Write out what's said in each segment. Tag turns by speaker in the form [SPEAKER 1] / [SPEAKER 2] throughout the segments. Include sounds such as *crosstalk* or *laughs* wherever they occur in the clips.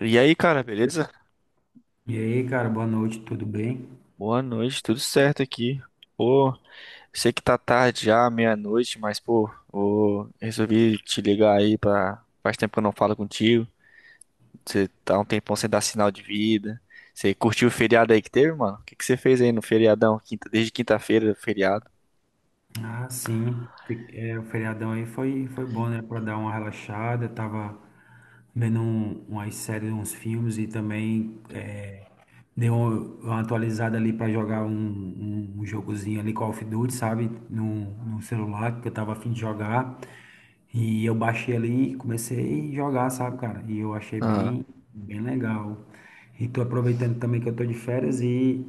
[SPEAKER 1] E aí, cara, beleza?
[SPEAKER 2] E aí, cara, boa noite, tudo bem?
[SPEAKER 1] Boa noite, tudo certo aqui. Pô, sei que tá tarde já, meia-noite, mas pô, ô, resolvi te ligar aí pra. Faz tempo que eu não falo contigo. Você tá um tempão sem dar sinal de vida. Você curtiu o feriado aí que teve, mano? O que que você fez aí no feriadão? Desde quinta-feira, feriado.
[SPEAKER 2] Ah, sim, o feriadão aí foi bom, né? Pra dar uma relaxada, tava vendo umas séries, uns filmes e também dei uma atualizada ali para jogar um jogozinho ali, Call of Duty, sabe? No, no celular, porque eu tava afim de jogar. E eu baixei ali e comecei a jogar, sabe, cara? E eu achei
[SPEAKER 1] Aham.
[SPEAKER 2] bem, bem legal. E tô aproveitando também que eu tô de férias e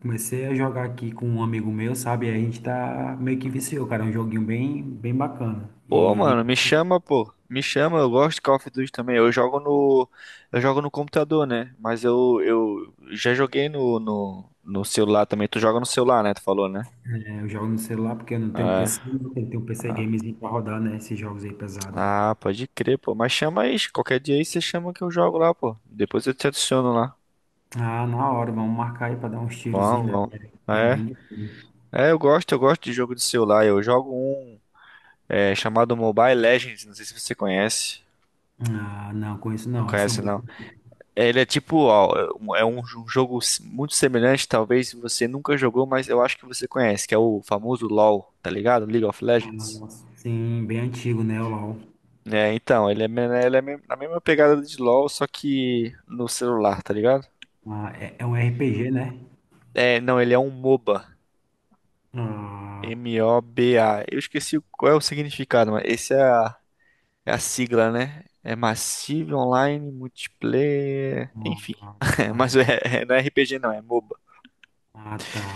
[SPEAKER 2] comecei a jogar aqui com um amigo meu, sabe? E a gente tá meio que viciou, cara. É um joguinho bem, bem bacana.
[SPEAKER 1] Pô,
[SPEAKER 2] e
[SPEAKER 1] mano, me chama, pô. Me chama, eu gosto de Call of Duty também. Eu jogo no computador, né? Mas eu já joguei no celular também. Tu joga no celular, né? Tu falou, né?
[SPEAKER 2] É, Eu jogo no celular porque eu não tenho
[SPEAKER 1] Ah,
[SPEAKER 2] PC, tem que ter um PC
[SPEAKER 1] ah,
[SPEAKER 2] gamezinho pra rodar, né? Esses jogos aí pesados.
[SPEAKER 1] ah, pode crer, pô. Mas chama aí, qualquer dia aí você chama que eu jogo lá, pô. Depois eu te adiciono lá.
[SPEAKER 2] Ah, na hora, vamos marcar aí pra dar uns
[SPEAKER 1] Vamos,
[SPEAKER 2] tirozinhos, né? Que
[SPEAKER 1] vamos.
[SPEAKER 2] é que é
[SPEAKER 1] É,
[SPEAKER 2] bem difícil.
[SPEAKER 1] eu gosto de jogo de celular. Eu jogo um chamado Mobile Legends, não sei se você conhece.
[SPEAKER 2] Ah, não, conheço
[SPEAKER 1] Não
[SPEAKER 2] não. É
[SPEAKER 1] conhece,
[SPEAKER 2] sobre.
[SPEAKER 1] não. Ele é tipo, ó, é um jogo muito semelhante, talvez você nunca jogou, mas eu acho que você conhece, que é o famoso LoL, tá ligado? League of
[SPEAKER 2] Ah,
[SPEAKER 1] Legends.
[SPEAKER 2] nossa. Sim, bem antigo, né? O LOL.
[SPEAKER 1] Então, ele é na mesma pegada de LoL, só que no celular, tá ligado?
[SPEAKER 2] Ah, é um RPG, né?
[SPEAKER 1] É, não, ele é um MOBA.
[SPEAKER 2] Ah,
[SPEAKER 1] M-O-B-A. Eu esqueci qual é o significado, mas esse é a sigla, né? É Massive Online Multiplayer. Enfim.
[SPEAKER 2] ah,
[SPEAKER 1] *laughs*
[SPEAKER 2] tá.
[SPEAKER 1] Mas não é RPG, não, é MOBA.
[SPEAKER 2] Ah, tá.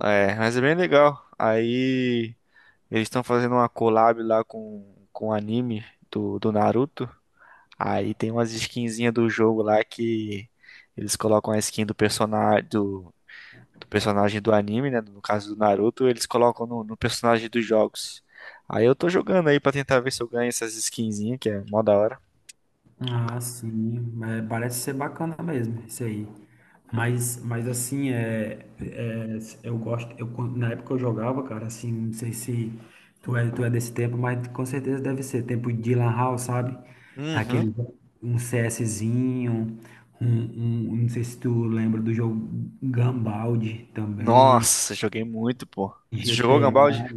[SPEAKER 1] Mas é bem legal. Aí eles estão fazendo uma collab lá com o anime do Naruto. Aí tem umas skinzinhas do jogo lá que eles colocam a skin do personagem do personagem do anime, né? No caso do Naruto, eles colocam no personagem dos jogos. Aí eu tô jogando aí pra tentar ver se eu ganho essas skinzinhas, que é mó da hora.
[SPEAKER 2] Ah, sim, mas parece ser bacana mesmo isso aí. Mas assim, eu gosto, na época eu jogava, cara, assim, não sei se tu é desse tempo, mas com certeza deve ser, tempo de Lan House, sabe?
[SPEAKER 1] Uhum.
[SPEAKER 2] Aquele, um CSzinho, não sei se tu lembra do jogo Gumball também,
[SPEAKER 1] Nossa, joguei muito, pô. Tu jogou Gambaldi?
[SPEAKER 2] GTA,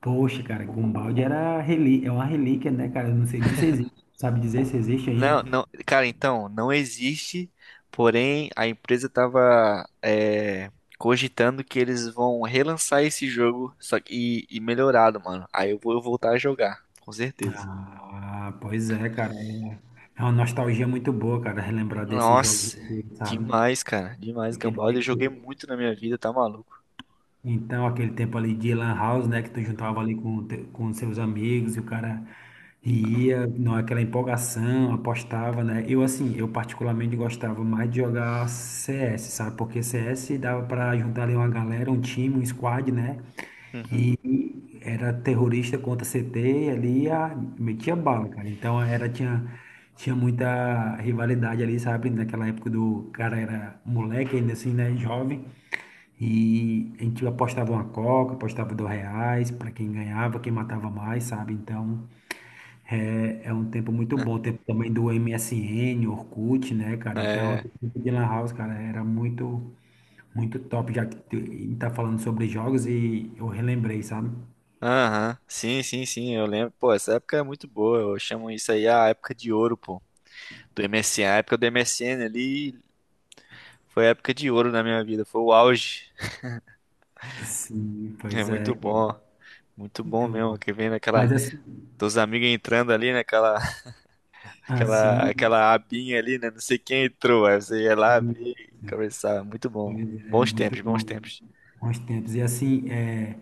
[SPEAKER 2] poxa, cara, Gumball era relí é uma relíquia, né, cara, eu não sei nem se existe. Sabe dizer se existe ainda?
[SPEAKER 1] Não, não, cara, então, não existe, porém a empresa tava cogitando que eles vão relançar esse jogo só que, e melhorado, mano. Aí eu vou voltar a jogar, com certeza.
[SPEAKER 2] Ah, pois é, cara. É uma nostalgia muito boa, cara, relembrar desses jogos
[SPEAKER 1] Nossa,
[SPEAKER 2] aqui, sabe?
[SPEAKER 1] demais, cara. Demais,
[SPEAKER 2] Aquele
[SPEAKER 1] Gambald. Eu
[SPEAKER 2] tempo,
[SPEAKER 1] joguei muito na minha vida, tá maluco?
[SPEAKER 2] então, aquele tempo ali de Lan House, né? Que tu juntava ali com seus amigos e o cara ia, não, aquela empolgação, apostava, né? Eu, assim, eu particularmente gostava mais de jogar CS, sabe? Porque CS dava pra juntar ali uma galera, um time, um squad, né?
[SPEAKER 1] Uhum.
[SPEAKER 2] E era terrorista contra CT, ali metia bala, cara. Então tinha muita rivalidade ali, sabe? Naquela época do cara era moleque ainda assim, né? Jovem. E a gente apostava uma coca, apostava R$ 2 para quem ganhava, quem matava mais, sabe? Então é um tempo muito bom.
[SPEAKER 1] *laughs*
[SPEAKER 2] Tempo também do MSN, Orkut, né, cara? Então, o
[SPEAKER 1] É.
[SPEAKER 2] tempo de Lan House, cara, era muito, muito top, já que a gente tá falando sobre jogos e eu relembrei, sabe?
[SPEAKER 1] Aham. Sim, sim, sim, eu lembro. Pô, essa época é muito boa. Eu chamo isso aí a época de ouro, pô. Do MSN. A época do MSN ali foi a época de ouro na minha vida. Foi o auge.
[SPEAKER 2] Sim,
[SPEAKER 1] É
[SPEAKER 2] pois é,
[SPEAKER 1] muito
[SPEAKER 2] cara.
[SPEAKER 1] bom. Muito bom
[SPEAKER 2] Muito bom.
[SPEAKER 1] mesmo, que vem naquela,
[SPEAKER 2] Mas
[SPEAKER 1] teus amigos entrando ali, naquela, *laughs* aquela,
[SPEAKER 2] assim,
[SPEAKER 1] aquela abinha ali, né? Não sei quem entrou, aí você ia lá
[SPEAKER 2] isso,
[SPEAKER 1] abrir e conversar. Muito
[SPEAKER 2] pois
[SPEAKER 1] bom.
[SPEAKER 2] é
[SPEAKER 1] Bons
[SPEAKER 2] muito
[SPEAKER 1] tempos, bons
[SPEAKER 2] bom.
[SPEAKER 1] tempos.
[SPEAKER 2] Bons tempos. E assim, é,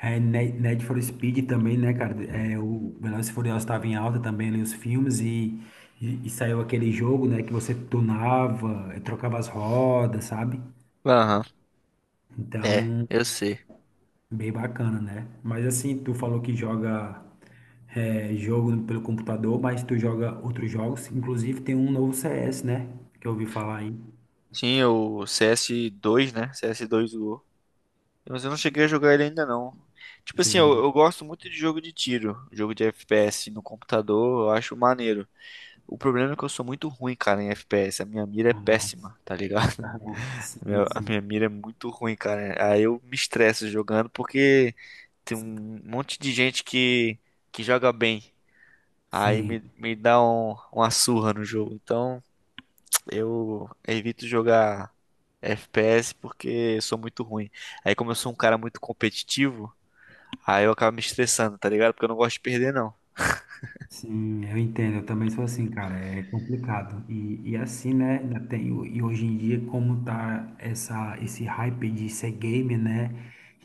[SPEAKER 2] é Ne- Need for Speed também, né, cara? É, o Velozes e Furiosos estava em alta também ali, os filmes, e saiu aquele jogo, né, que você tunava, trocava as rodas, sabe?
[SPEAKER 1] Aham. É,
[SPEAKER 2] Então.
[SPEAKER 1] eu sei.
[SPEAKER 2] Bem bacana, né? Mas assim, tu falou que joga jogo pelo computador, mas tu joga outros jogos. Inclusive tem um novo CS, né? Que eu ouvi falar aí.
[SPEAKER 1] Tinha o CS2, né? CS2 Go. Mas eu não cheguei a jogar ele ainda não. Tipo assim,
[SPEAKER 2] Chegou
[SPEAKER 1] eu,
[SPEAKER 2] no.
[SPEAKER 1] eu gosto muito de jogo de tiro, jogo de FPS no computador, eu acho maneiro. O problema é que eu sou muito ruim, cara, em FPS. A minha mira é
[SPEAKER 2] Ah,
[SPEAKER 1] péssima, tá ligado?
[SPEAKER 2] ah, sim,
[SPEAKER 1] A
[SPEAKER 2] sim.
[SPEAKER 1] minha mira é muito ruim, cara. Aí eu me estresso jogando porque tem um monte de gente que joga bem. Aí
[SPEAKER 2] Sim.
[SPEAKER 1] me dá uma surra no jogo. Então eu evito jogar FPS porque eu sou muito ruim. Aí como eu sou um cara muito competitivo, aí eu acabo me estressando, tá ligado? Porque eu não gosto de perder, não.
[SPEAKER 2] Sim, eu entendo, eu também sou assim, cara, é complicado. E assim, né, e hoje em dia, como tá esse hype de ser game, né,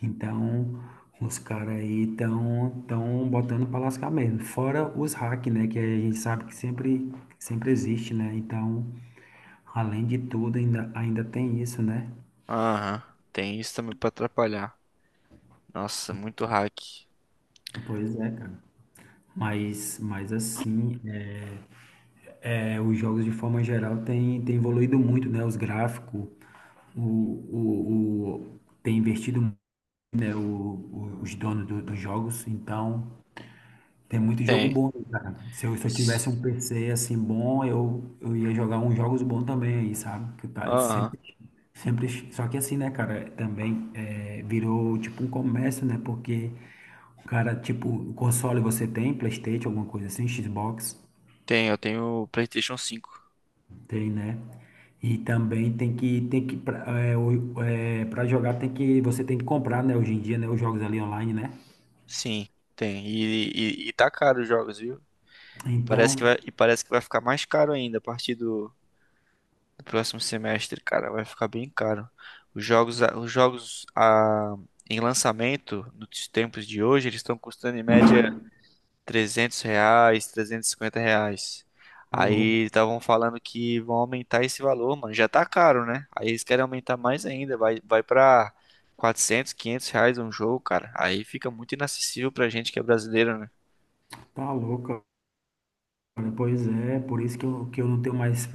[SPEAKER 2] então os caras aí estão tão tão botando pra lascar mesmo. Fora os hack, né, que a gente sabe que sempre, sempre existe, né, então, além de tudo, ainda tem isso, né?
[SPEAKER 1] Aham. Tem isso também pra atrapalhar. Nossa, muito hack.
[SPEAKER 2] Pois é, cara. Mas assim, os jogos de forma geral têm evoluído muito, né, os gráficos, tem investido muito, né, os donos dos jogos, então tem muito jogo
[SPEAKER 1] Tem.
[SPEAKER 2] bom, cara. Se eu tivesse um PC assim bom, eu ia jogar uns jogos bons também aí, sabe? Que tá
[SPEAKER 1] Aham.
[SPEAKER 2] sempre, sempre, só que assim, né, cara, também virou tipo um comércio, né? Porque o cara, tipo, o console você tem, PlayStation, alguma coisa assim, Xbox.
[SPEAKER 1] Tem, eu tenho o PlayStation 5.
[SPEAKER 2] Tem, né? E também tem que pra, é, o- é, pra jogar tem que, você tem que comprar, né? Hoje em dia, né? Os jogos ali online, né?
[SPEAKER 1] Sim, tem. E tá caro os jogos, viu? E parece que
[SPEAKER 2] Então,
[SPEAKER 1] vai, e parece que vai ficar mais caro ainda a partir do próximo semestre, cara. Vai ficar bem caro. Os jogos em lançamento nos tempos de hoje, eles estão custando em média R$ 300, R$ 350.
[SPEAKER 2] tá louco,
[SPEAKER 1] Aí estavam falando que vão aumentar esse valor, mano. Já tá caro, né? Aí eles querem aumentar mais ainda. Vai pra R$ 400, R$ 500 um jogo, cara. Aí fica muito inacessível pra gente que é brasileiro, né?
[SPEAKER 2] tá louco, cara. Pois é, por isso que eu não tenho mais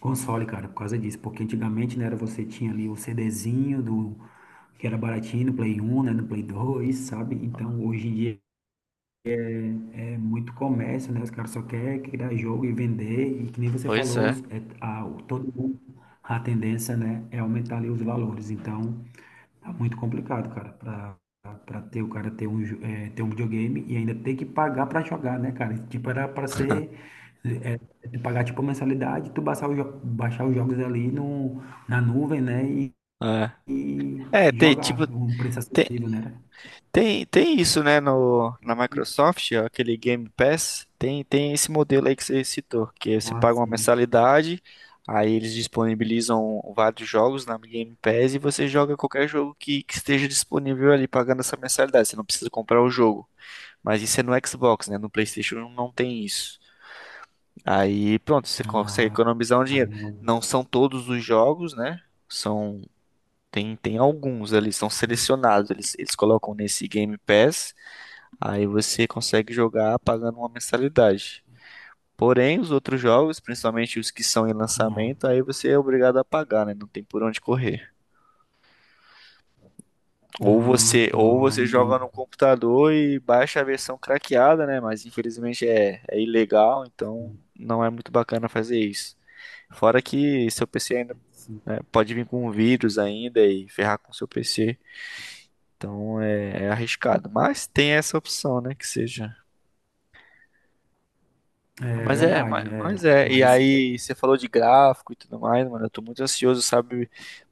[SPEAKER 2] console, cara, por causa disso. Porque antigamente, né, era você tinha ali o CDzinho do, que era baratinho no Play 1, né? No Play 2, sabe? Então, hoje em dia é muito comércio, né? Os caras só querem criar jogo e vender, e que nem você
[SPEAKER 1] Pois
[SPEAKER 2] falou,
[SPEAKER 1] é.
[SPEAKER 2] todo mundo, a tendência, né, é aumentar ali os valores. Então, tá muito complicado, cara, pra ter o cara ter ter um videogame e ainda ter que pagar pra jogar, né, cara? Tipo, era pra ser, tu pagar tipo mensalidade, tu baixar, baixar os jogos ali no, na nuvem, né,
[SPEAKER 1] É,
[SPEAKER 2] e
[SPEAKER 1] Tem, tipo,
[SPEAKER 2] jogar, um preço
[SPEAKER 1] tem,
[SPEAKER 2] acessível, né?
[SPEAKER 1] tem isso, né, no, na Microsoft, ó, aquele Game Pass, tem esse modelo aí que você citou, que você paga
[SPEAKER 2] Nossa,
[SPEAKER 1] uma mensalidade, aí eles disponibilizam vários jogos na Game Pass e você joga qualquer jogo que esteja disponível ali pagando essa mensalidade, você não precisa comprar o jogo. Mas isso é no Xbox, né, no PlayStation não tem isso. Aí, pronto, você consegue
[SPEAKER 2] ah,
[SPEAKER 1] economizar um
[SPEAKER 2] cara,
[SPEAKER 1] dinheiro. Não são todos os jogos, né? São tem alguns ali, são selecionados. Eles colocam nesse Game Pass, aí você consegue jogar pagando uma mensalidade. Porém, os outros jogos, principalmente os que são em
[SPEAKER 2] não.
[SPEAKER 1] lançamento, aí você é obrigado a pagar, né? Não tem por onde correr. Ou
[SPEAKER 2] Ah,
[SPEAKER 1] você,
[SPEAKER 2] tá,
[SPEAKER 1] ou você
[SPEAKER 2] entendi.
[SPEAKER 1] joga no computador e baixa a versão craqueada, né? Mas infelizmente é ilegal, então não é muito bacana fazer isso. Fora que seu PC ainda,
[SPEAKER 2] Sim.
[SPEAKER 1] né, pode vir com vírus ainda e ferrar com seu PC. Então é arriscado. Mas tem essa opção, né? Que seja.
[SPEAKER 2] É
[SPEAKER 1] Mas é, mas,
[SPEAKER 2] verdade,
[SPEAKER 1] mas
[SPEAKER 2] é.
[SPEAKER 1] é. E
[SPEAKER 2] Mas,
[SPEAKER 1] aí, você falou de gráfico e tudo mais, mano. Eu tô muito ansioso, sabe,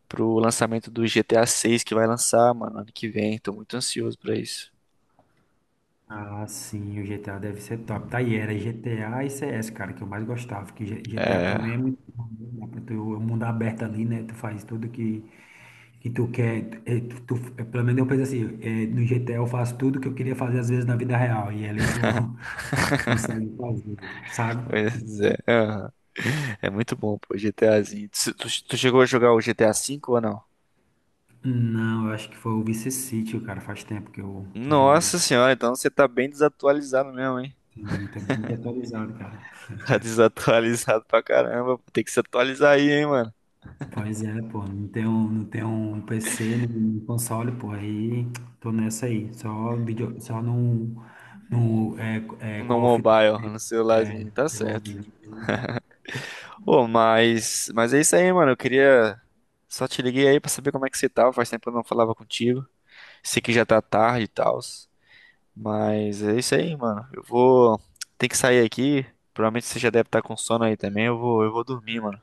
[SPEAKER 1] pro lançamento do GTA 6 que vai lançar, mano, ano que vem. Tô muito ansioso pra isso.
[SPEAKER 2] ah, sim, o GTA deve ser top. Tá aí, era GTA e CS, cara, que eu mais gostava. Que GTA
[SPEAKER 1] É,
[SPEAKER 2] também é muito bom, né? Dá pra tu, o mundo aberto ali, né? Tu faz tudo que tu quer. É, pelo menos eu penso assim, no GTA eu faço tudo que eu queria fazer às vezes na vida real. E ali tu *laughs* consegue fazer, sabe?
[SPEAKER 1] pois é. *laughs* Aham. É muito bom, pô, GTAzinho. Tu chegou a jogar o GTA V ou não?
[SPEAKER 2] Não, eu acho que foi o Vice City, cara. Faz tempo que eu joguei.
[SPEAKER 1] Nossa senhora, então você tá bem desatualizado mesmo, hein?
[SPEAKER 2] Sim, tá bem desatualizado, cara.
[SPEAKER 1] *laughs* Tá desatualizado pra caramba. Tem que se atualizar aí, hein, mano.
[SPEAKER 2] Pois é, pô, não tem um PC nem um console, pô, aí tô nessa aí, só vídeo, só num é,
[SPEAKER 1] No
[SPEAKER 2] Call of
[SPEAKER 1] mobile, *laughs*
[SPEAKER 2] Duty,
[SPEAKER 1] no
[SPEAKER 2] é,
[SPEAKER 1] celularzinho, tá
[SPEAKER 2] celular.
[SPEAKER 1] certo. Ô, mas é isso aí, mano. Eu queria. Só te liguei aí pra saber como é que você tava. Faz tempo que eu não falava contigo. Sei que já tá tarde e tal. Mas é isso aí, mano. Eu vou. Tem que sair aqui. Provavelmente você já deve estar com sono aí também. Eu vou dormir, mano.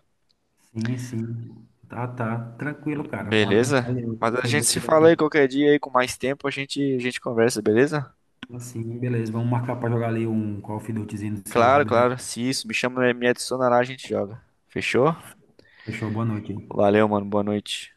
[SPEAKER 2] Sim, sim, tá, tá, tranquilo, cara, valeu,
[SPEAKER 1] Beleza?
[SPEAKER 2] valeu,
[SPEAKER 1] Mas a
[SPEAKER 2] foi
[SPEAKER 1] gente
[SPEAKER 2] bom
[SPEAKER 1] se fala
[SPEAKER 2] conversar
[SPEAKER 1] aí qualquer dia aí com mais tempo. A gente conversa, beleza?
[SPEAKER 2] assim, beleza, vamos marcar pra jogar ali um Call of Dutyzinho no celular,
[SPEAKER 1] Claro,
[SPEAKER 2] beleza?
[SPEAKER 1] claro. Se isso, me chama, me adiciona lá, a gente joga. Fechou?
[SPEAKER 2] Fechou, boa noite.
[SPEAKER 1] Valeu, mano. Boa noite.